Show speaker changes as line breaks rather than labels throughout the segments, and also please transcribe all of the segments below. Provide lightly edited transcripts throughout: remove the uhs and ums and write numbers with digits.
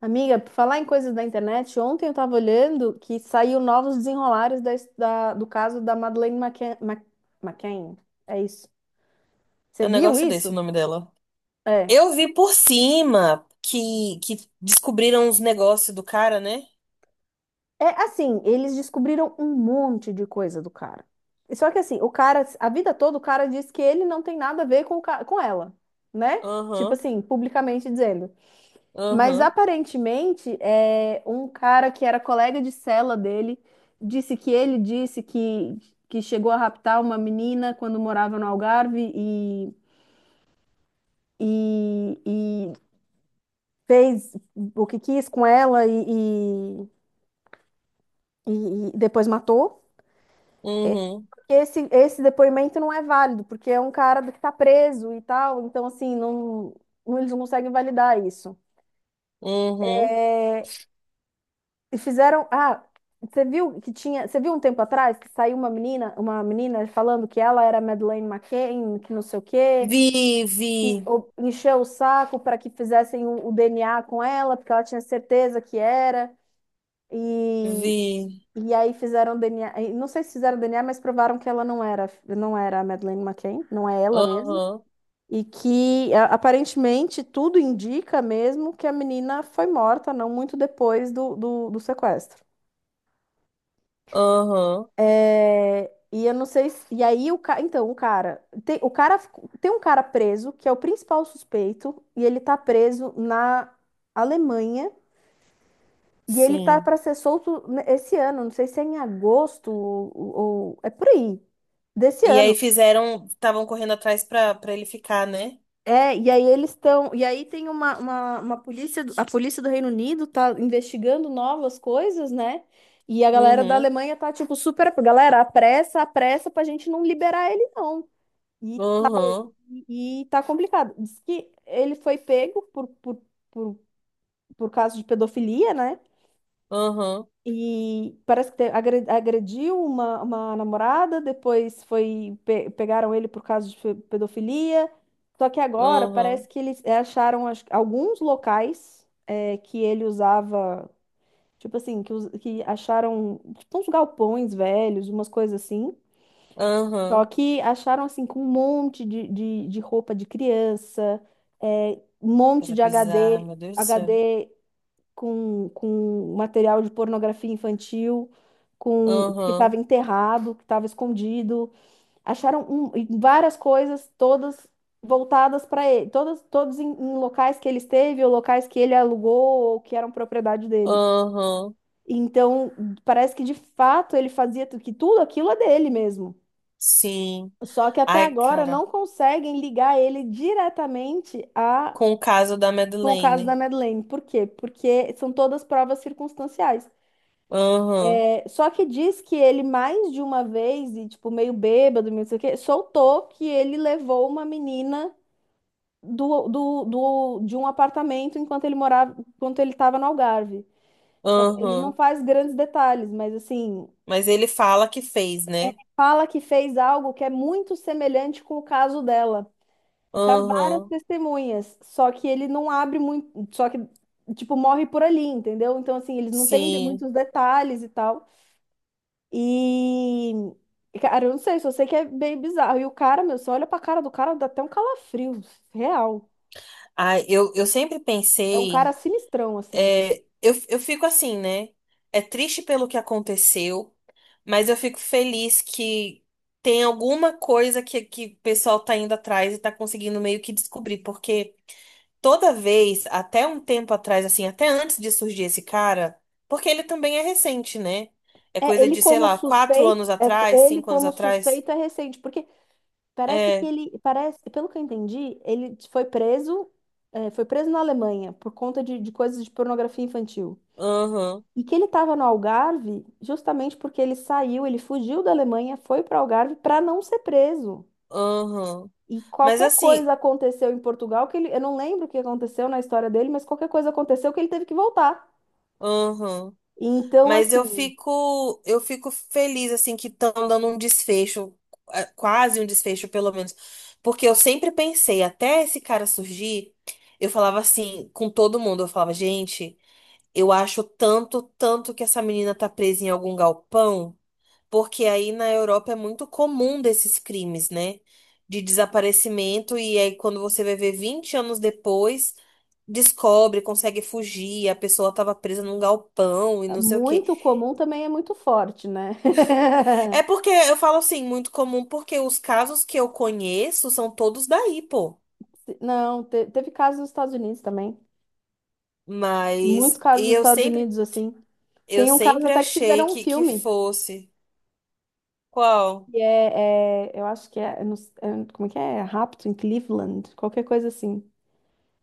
Amiga, por falar em coisas da internet, ontem eu estava olhando que saiu novos desenrolares do caso da Madeleine McCann, McCann. É isso. Você
É um
viu
negócio desse o
isso?
nome dela.
É.
Eu vi por cima que descobriram os negócios do cara, né?
É assim, eles descobriram um monte de coisa do cara. Só que assim, o cara, a vida toda, o cara diz que ele não tem nada a ver com, com ela, né? Tipo
Aham,
assim, publicamente dizendo. Mas
aham,
aparentemente, é, um cara que era colega de cela dele disse que ele disse que chegou a raptar uma menina quando morava no Algarve e, e fez o que quis com ela e depois matou.
uhum,
Esse depoimento não é válido, porque é um cara que está preso e tal, então assim, eles não conseguem validar isso.
uhum.
E fizeram. Ah, você viu que tinha. Você viu um tempo atrás que saiu uma menina falando que ela era Madeleine McCann, que não sei o quê,
Vi, vi,
e encheu o saco para que fizessem o DNA com ela, porque ela tinha certeza que era. E,
vi.
e aí fizeram DNA. E não sei se fizeram DNA, mas provaram que ela não era, não era a Madeleine McCann, não é ela mesmo.
Aham,
E que aparentemente tudo indica mesmo que a menina foi morta não muito depois do do sequestro.
aham,
É, e eu não sei se, e aí o cara, então o cara tem um cara preso que é o principal suspeito e ele tá preso na Alemanha e ele tá
sim.
para ser solto esse ano, não sei se é em agosto é por aí desse
E
ano.
aí fizeram, estavam correndo atrás pra ele ficar, né?
É, e aí eles estão, e aí tem uma polícia, a polícia do Reino Unido tá investigando novas coisas, né? E a galera da
Uhum,
Alemanha tá tipo super, galera, apressa pra gente não liberar ele não.
aham,
E tá complicado. Diz que ele foi pego por, por causa de pedofilia, né?
aham,
E parece que agrediu uma namorada, depois foi pegaram ele por causa de pedofilia. Só que agora
aham,
parece que eles é, acharam acho que, alguns locais é, que ele usava, tipo assim, que, que acharam tipo uns galpões velhos, umas coisas assim. Só
aham.
que acharam assim com um monte de roupa de criança, é, um monte
Coisa
de
bizarra, meu Deus do céu.
HD com material de pornografia infantil, com que estava
Aham,
enterrado, que estava escondido. Acharam várias coisas, todas voltadas para ele, todas, todos em, em locais que ele esteve, ou locais que ele alugou, ou que eram propriedade dele.
aham,
Então, parece que de fato ele fazia que tudo aquilo é dele mesmo.
sim.
Só que até
Ai,
agora
cara.
não conseguem ligar ele diretamente a
Com o caso da
com o caso da
Madeleine.
Madeleine. Por quê? Porque são todas provas circunstanciais.
Aham,
É, só que diz que ele mais de uma vez, e tipo, meio bêbado, meio não sei o quê, soltou que ele levou uma menina de um apartamento enquanto ele morava, enquanto ele estava no Algarve. Só que ele não
aham.
faz grandes detalhes, mas assim,
Mas ele fala que fez, né?
fala que fez algo que é muito semelhante com o caso dela, para várias
Aham,
testemunhas, só que ele não abre muito, só que tipo morre por ali, entendeu? Então assim, eles não têm
sim.
muitos detalhes e tal. E cara, eu não sei, só sei que é bem bizarro. E o cara, meu, você olha pra cara do cara, dá até um calafrio, real.
Ah, eu sempre
É um
pensei,
cara sinistrão assim.
é, eu fico assim, né? É triste pelo que aconteceu, mas eu fico feliz que tem alguma coisa que o pessoal tá indo atrás e tá conseguindo meio que descobrir, porque toda vez, até um tempo atrás, assim, até antes de surgir esse cara, porque ele também é recente, né? É
É,
coisa
ele
de, sei
como
lá, quatro
suspeito,
anos
é,
atrás,
ele
cinco anos
como
atrás.
suspeito é recente, porque parece que
É,
ele, parece, pelo que eu entendi, ele foi preso, é, foi preso na Alemanha por conta de coisas de pornografia infantil.
aham,
E que ele estava no Algarve justamente porque ele saiu, ele fugiu da Alemanha, foi para o Algarve para não ser preso.
aham.
E
Mas
qualquer
assim,
coisa aconteceu em Portugal, que ele, eu não lembro o que aconteceu na história dele, mas qualquer coisa aconteceu que ele teve que voltar.
aham.
Então,
Mas
assim,
eu fico feliz assim que estão dando um desfecho, quase um desfecho pelo menos, porque eu sempre pensei, até esse cara surgir, eu falava assim com todo mundo, eu falava, gente, eu acho tanto, tanto que essa menina tá presa em algum galpão, porque aí na Europa é muito comum desses crimes, né? De desaparecimento e aí quando você vai ver 20 anos depois, descobre, consegue fugir, a pessoa tava presa num galpão e não sei o quê.
muito comum também é muito forte, né?
É porque eu falo assim, muito comum, porque os casos que eu conheço são todos daí, pô.
Não, teve casos nos Estados Unidos também. Muitos
Mas,
casos
e
nos Estados Unidos, assim.
eu
Tem um caso
sempre
até que
achei
fizeram um
que
filme.
fosse. Qual?
E é, eu acho que é, eu não s- é, como é que é? Rapto em Cleveland, qualquer coisa assim.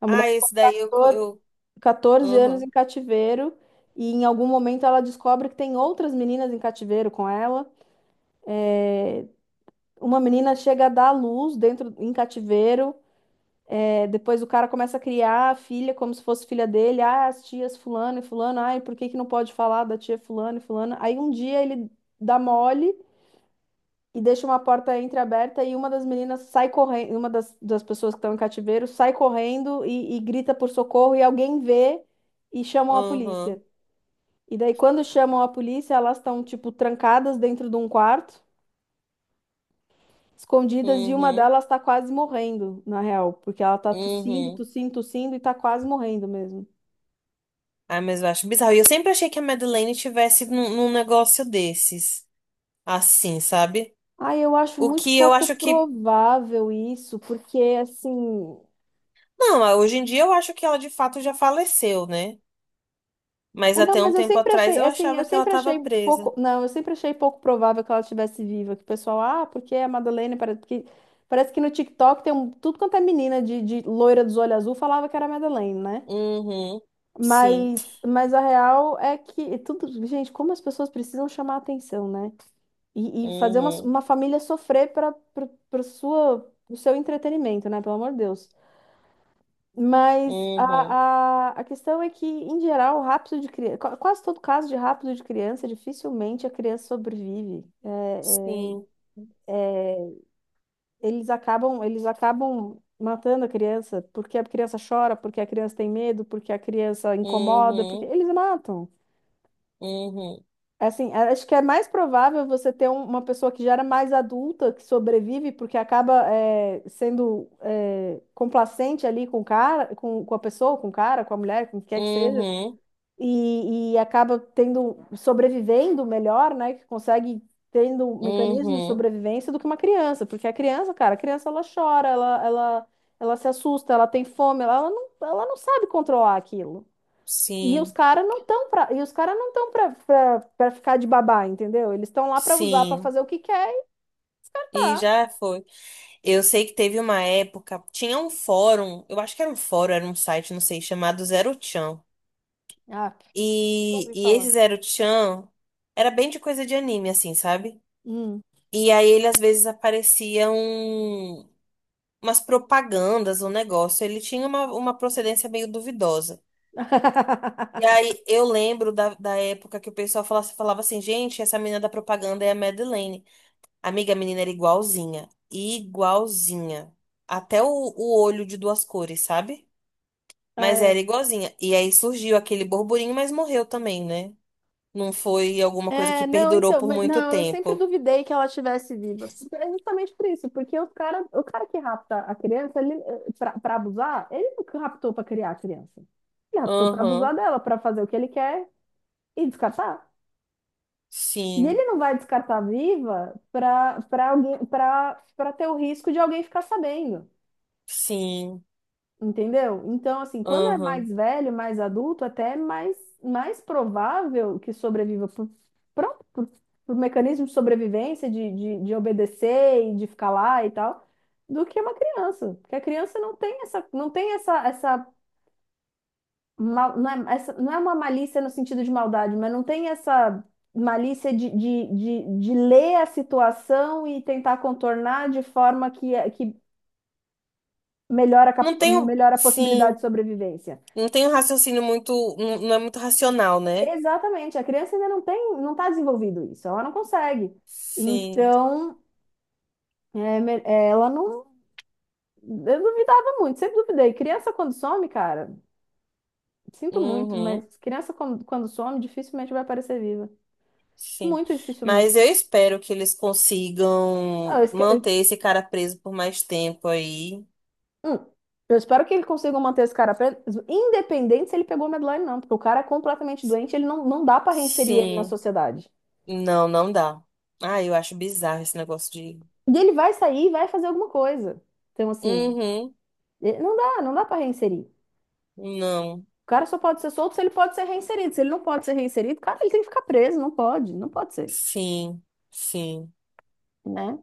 A mulher
Ah,
ficou
esse daí eu,
14 anos
aham,
em cativeiro e em algum momento ela descobre que tem outras meninas em cativeiro com ela. Uma menina chega a dar à luz dentro em cativeiro, é, depois o cara começa a criar a filha como se fosse filha dele. Ah, as tias fulano e fulano, ai, por que que não pode falar da tia fulano e fulana? Aí um dia ele dá mole e deixa uma porta entreaberta e uma das meninas sai correndo, uma das pessoas que estão em cativeiro sai correndo e grita por socorro e alguém vê e chamam a polícia.
aham,
E daí, quando chamam a polícia, elas estão, tipo, trancadas dentro de um quarto, escondidas, e uma
uhum,
delas tá quase morrendo, na real, porque ela tá tossindo,
uhum.
tossindo, tossindo e tá quase morrendo mesmo.
Ah, mas eu acho bizarro. E eu sempre achei que a Madeleine tivesse num negócio desses, assim, sabe?
Ah, eu acho
O
muito
que eu
pouco
acho que,
provável isso, porque assim.
não, hoje em dia eu acho que ela de fato já faleceu, né? Mas
É, não,
até um
mas eu
tempo
sempre
atrás
achei,
eu
assim, eu
achava que ela
sempre
tava
achei pouco.
presa.
Não, eu sempre achei pouco provável que ela estivesse viva. Que o pessoal, ah, porque a Madalena parece que no TikTok tem um, tudo quanto é menina de loira dos olhos azul falava que era a Madeleine, né?
Uhum. Sim.
Mas a real é que tudo, gente, como as pessoas precisam chamar atenção, né? E fazer
Uhum.
uma família sofrer para o seu entretenimento, né? Pelo amor de Deus. Mas
Uhum.
a questão é que, em geral, o rapto de criança, quase todo caso de rapto de criança, dificilmente a criança sobrevive.
Sim.
Eles acabam matando a criança porque a criança chora, porque a criança tem medo, porque a criança incomoda, porque
Uhum.
eles matam.
Uhum.
Assim, acho que é mais provável você ter uma pessoa que já era mais adulta, que sobrevive, porque acaba eh, sendo eh, complacente ali com o cara, com a pessoa, com o cara, com a mulher, com o que quer que seja,
Uhum.
e acaba tendo, sobrevivendo melhor, né? Que consegue tendo um mecanismo de
Uhum.
sobrevivência do que uma criança, porque a criança, cara, a criança ela chora, ela se assusta, ela tem fome, ela não sabe controlar aquilo. E os
Sim.
caras não estão pra, e os cara não estão pra ficar de babá, entendeu? Eles estão lá pra usar, pra
Sim.
fazer o que quer e
E
tá.
já foi. Eu sei que teve uma época, tinha um fórum, eu acho que era um fórum, era um site, não sei, chamado Zero Chan.
Ah, que eu
E,
ouvi
e
falar.
esse Zero Chan era bem de coisa de anime, assim, sabe?
Hum.
E aí ele às vezes aparecia umas propagandas, um negócio. Ele tinha uma procedência meio duvidosa. E aí eu lembro da época que o pessoal falava, falava assim, gente, essa menina da propaganda é a Madeleine. Amiga, a menina era igualzinha. Igualzinha. Até o olho de duas cores, sabe? Mas
É,
era igualzinha. E aí surgiu aquele burburinho, mas morreu também, né? Não foi alguma coisa que
não,
perdurou
então,
por
mas,
muito
não, eu sempre
tempo.
duvidei que ela estivesse viva. É justamente por isso, porque os cara, o cara que rapta a criança, ele, eh, pra abusar, ele não raptou pra criar a criança. Ele raptou pra abusar
Aham.
dela, pra fazer o que ele quer e descartar. E ele
Sim.
não vai descartar viva pra alguém, pra ter o risco de alguém ficar sabendo.
Sim.
Entendeu? Então, assim, quando é
Aham.
mais velho, mais adulto, até é mais, mais provável que sobreviva pronto, por mecanismo de sobrevivência, de obedecer e de ficar lá e tal, do que uma criança. Porque a criança não tem essa, mal- não é, essa, não é uma malícia no sentido de maldade, mas não tem essa malícia de ler a situação e tentar contornar de forma que, é, que melhora,
Não tenho.
melhora a possibilidade de
Sim.
sobrevivência.
Não tenho raciocínio muito. Não, não é muito racional, né?
Exatamente, a criança ainda não tem, não está desenvolvido isso, ela não consegue.
Sim.
Então, é, é, ela não, eu duvidava muito, sempre duvidei. Criança quando some, cara, sinto muito,
Uhum.
mas criança quando, quando some, dificilmente vai aparecer viva.
Sim,
Muito
mas
dificilmente.
eu espero que eles
Ah,
consigam manter esse cara preso por mais tempo aí.
hum, eu espero que ele consiga manter esse cara preso, independente se ele pegou Medline, não, porque o cara é completamente doente, ele não, não dá para reinserir ele na
Sim,
sociedade.
não, não dá. Ah, eu acho bizarro esse negócio de.
E ele vai sair e vai fazer alguma coisa. Então, assim,
Uhum,
eh, não dá, não dá para reinserir.
não,
O cara só pode ser solto se ele pode ser reinserido. Se ele não pode ser reinserido, cara, ele tem que ficar preso, não pode, não pode ser,
sim, sim.
né?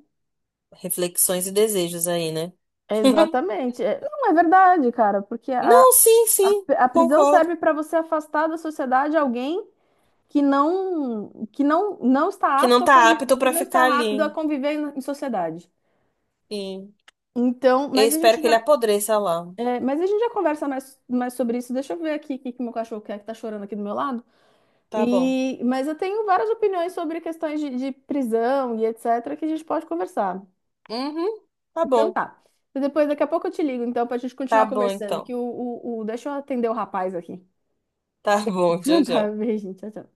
Reflexões e desejos aí, né?
Exatamente. É, não, é verdade, cara, porque
Não, sim,
a,
sim,
a
eu
prisão
concordo.
serve para você afastar da sociedade alguém que não está
Que não
apto a
tá apto
que
pra
não está
ficar
rápido a
ali.
conviver em, em sociedade.
Sim.
Então,
Eu espero que ele apodreça lá.
mas a gente já conversa mais, mais sobre isso. Deixa eu ver aqui o que, que meu cachorro quer que tá chorando aqui do meu lado.
Tá bom.
E, mas eu tenho várias opiniões sobre questões de prisão e etc. que a gente pode conversar.
Uhum, tá
Então
bom.
tá. E depois, daqui a pouco eu te ligo, então, pra gente
Tá
continuar
bom,
conversando.
então.
Que deixa eu atender o rapaz aqui.
Tá bom,
Então
tchau,
tá,
tchau.
beijinho, tchau, tchau.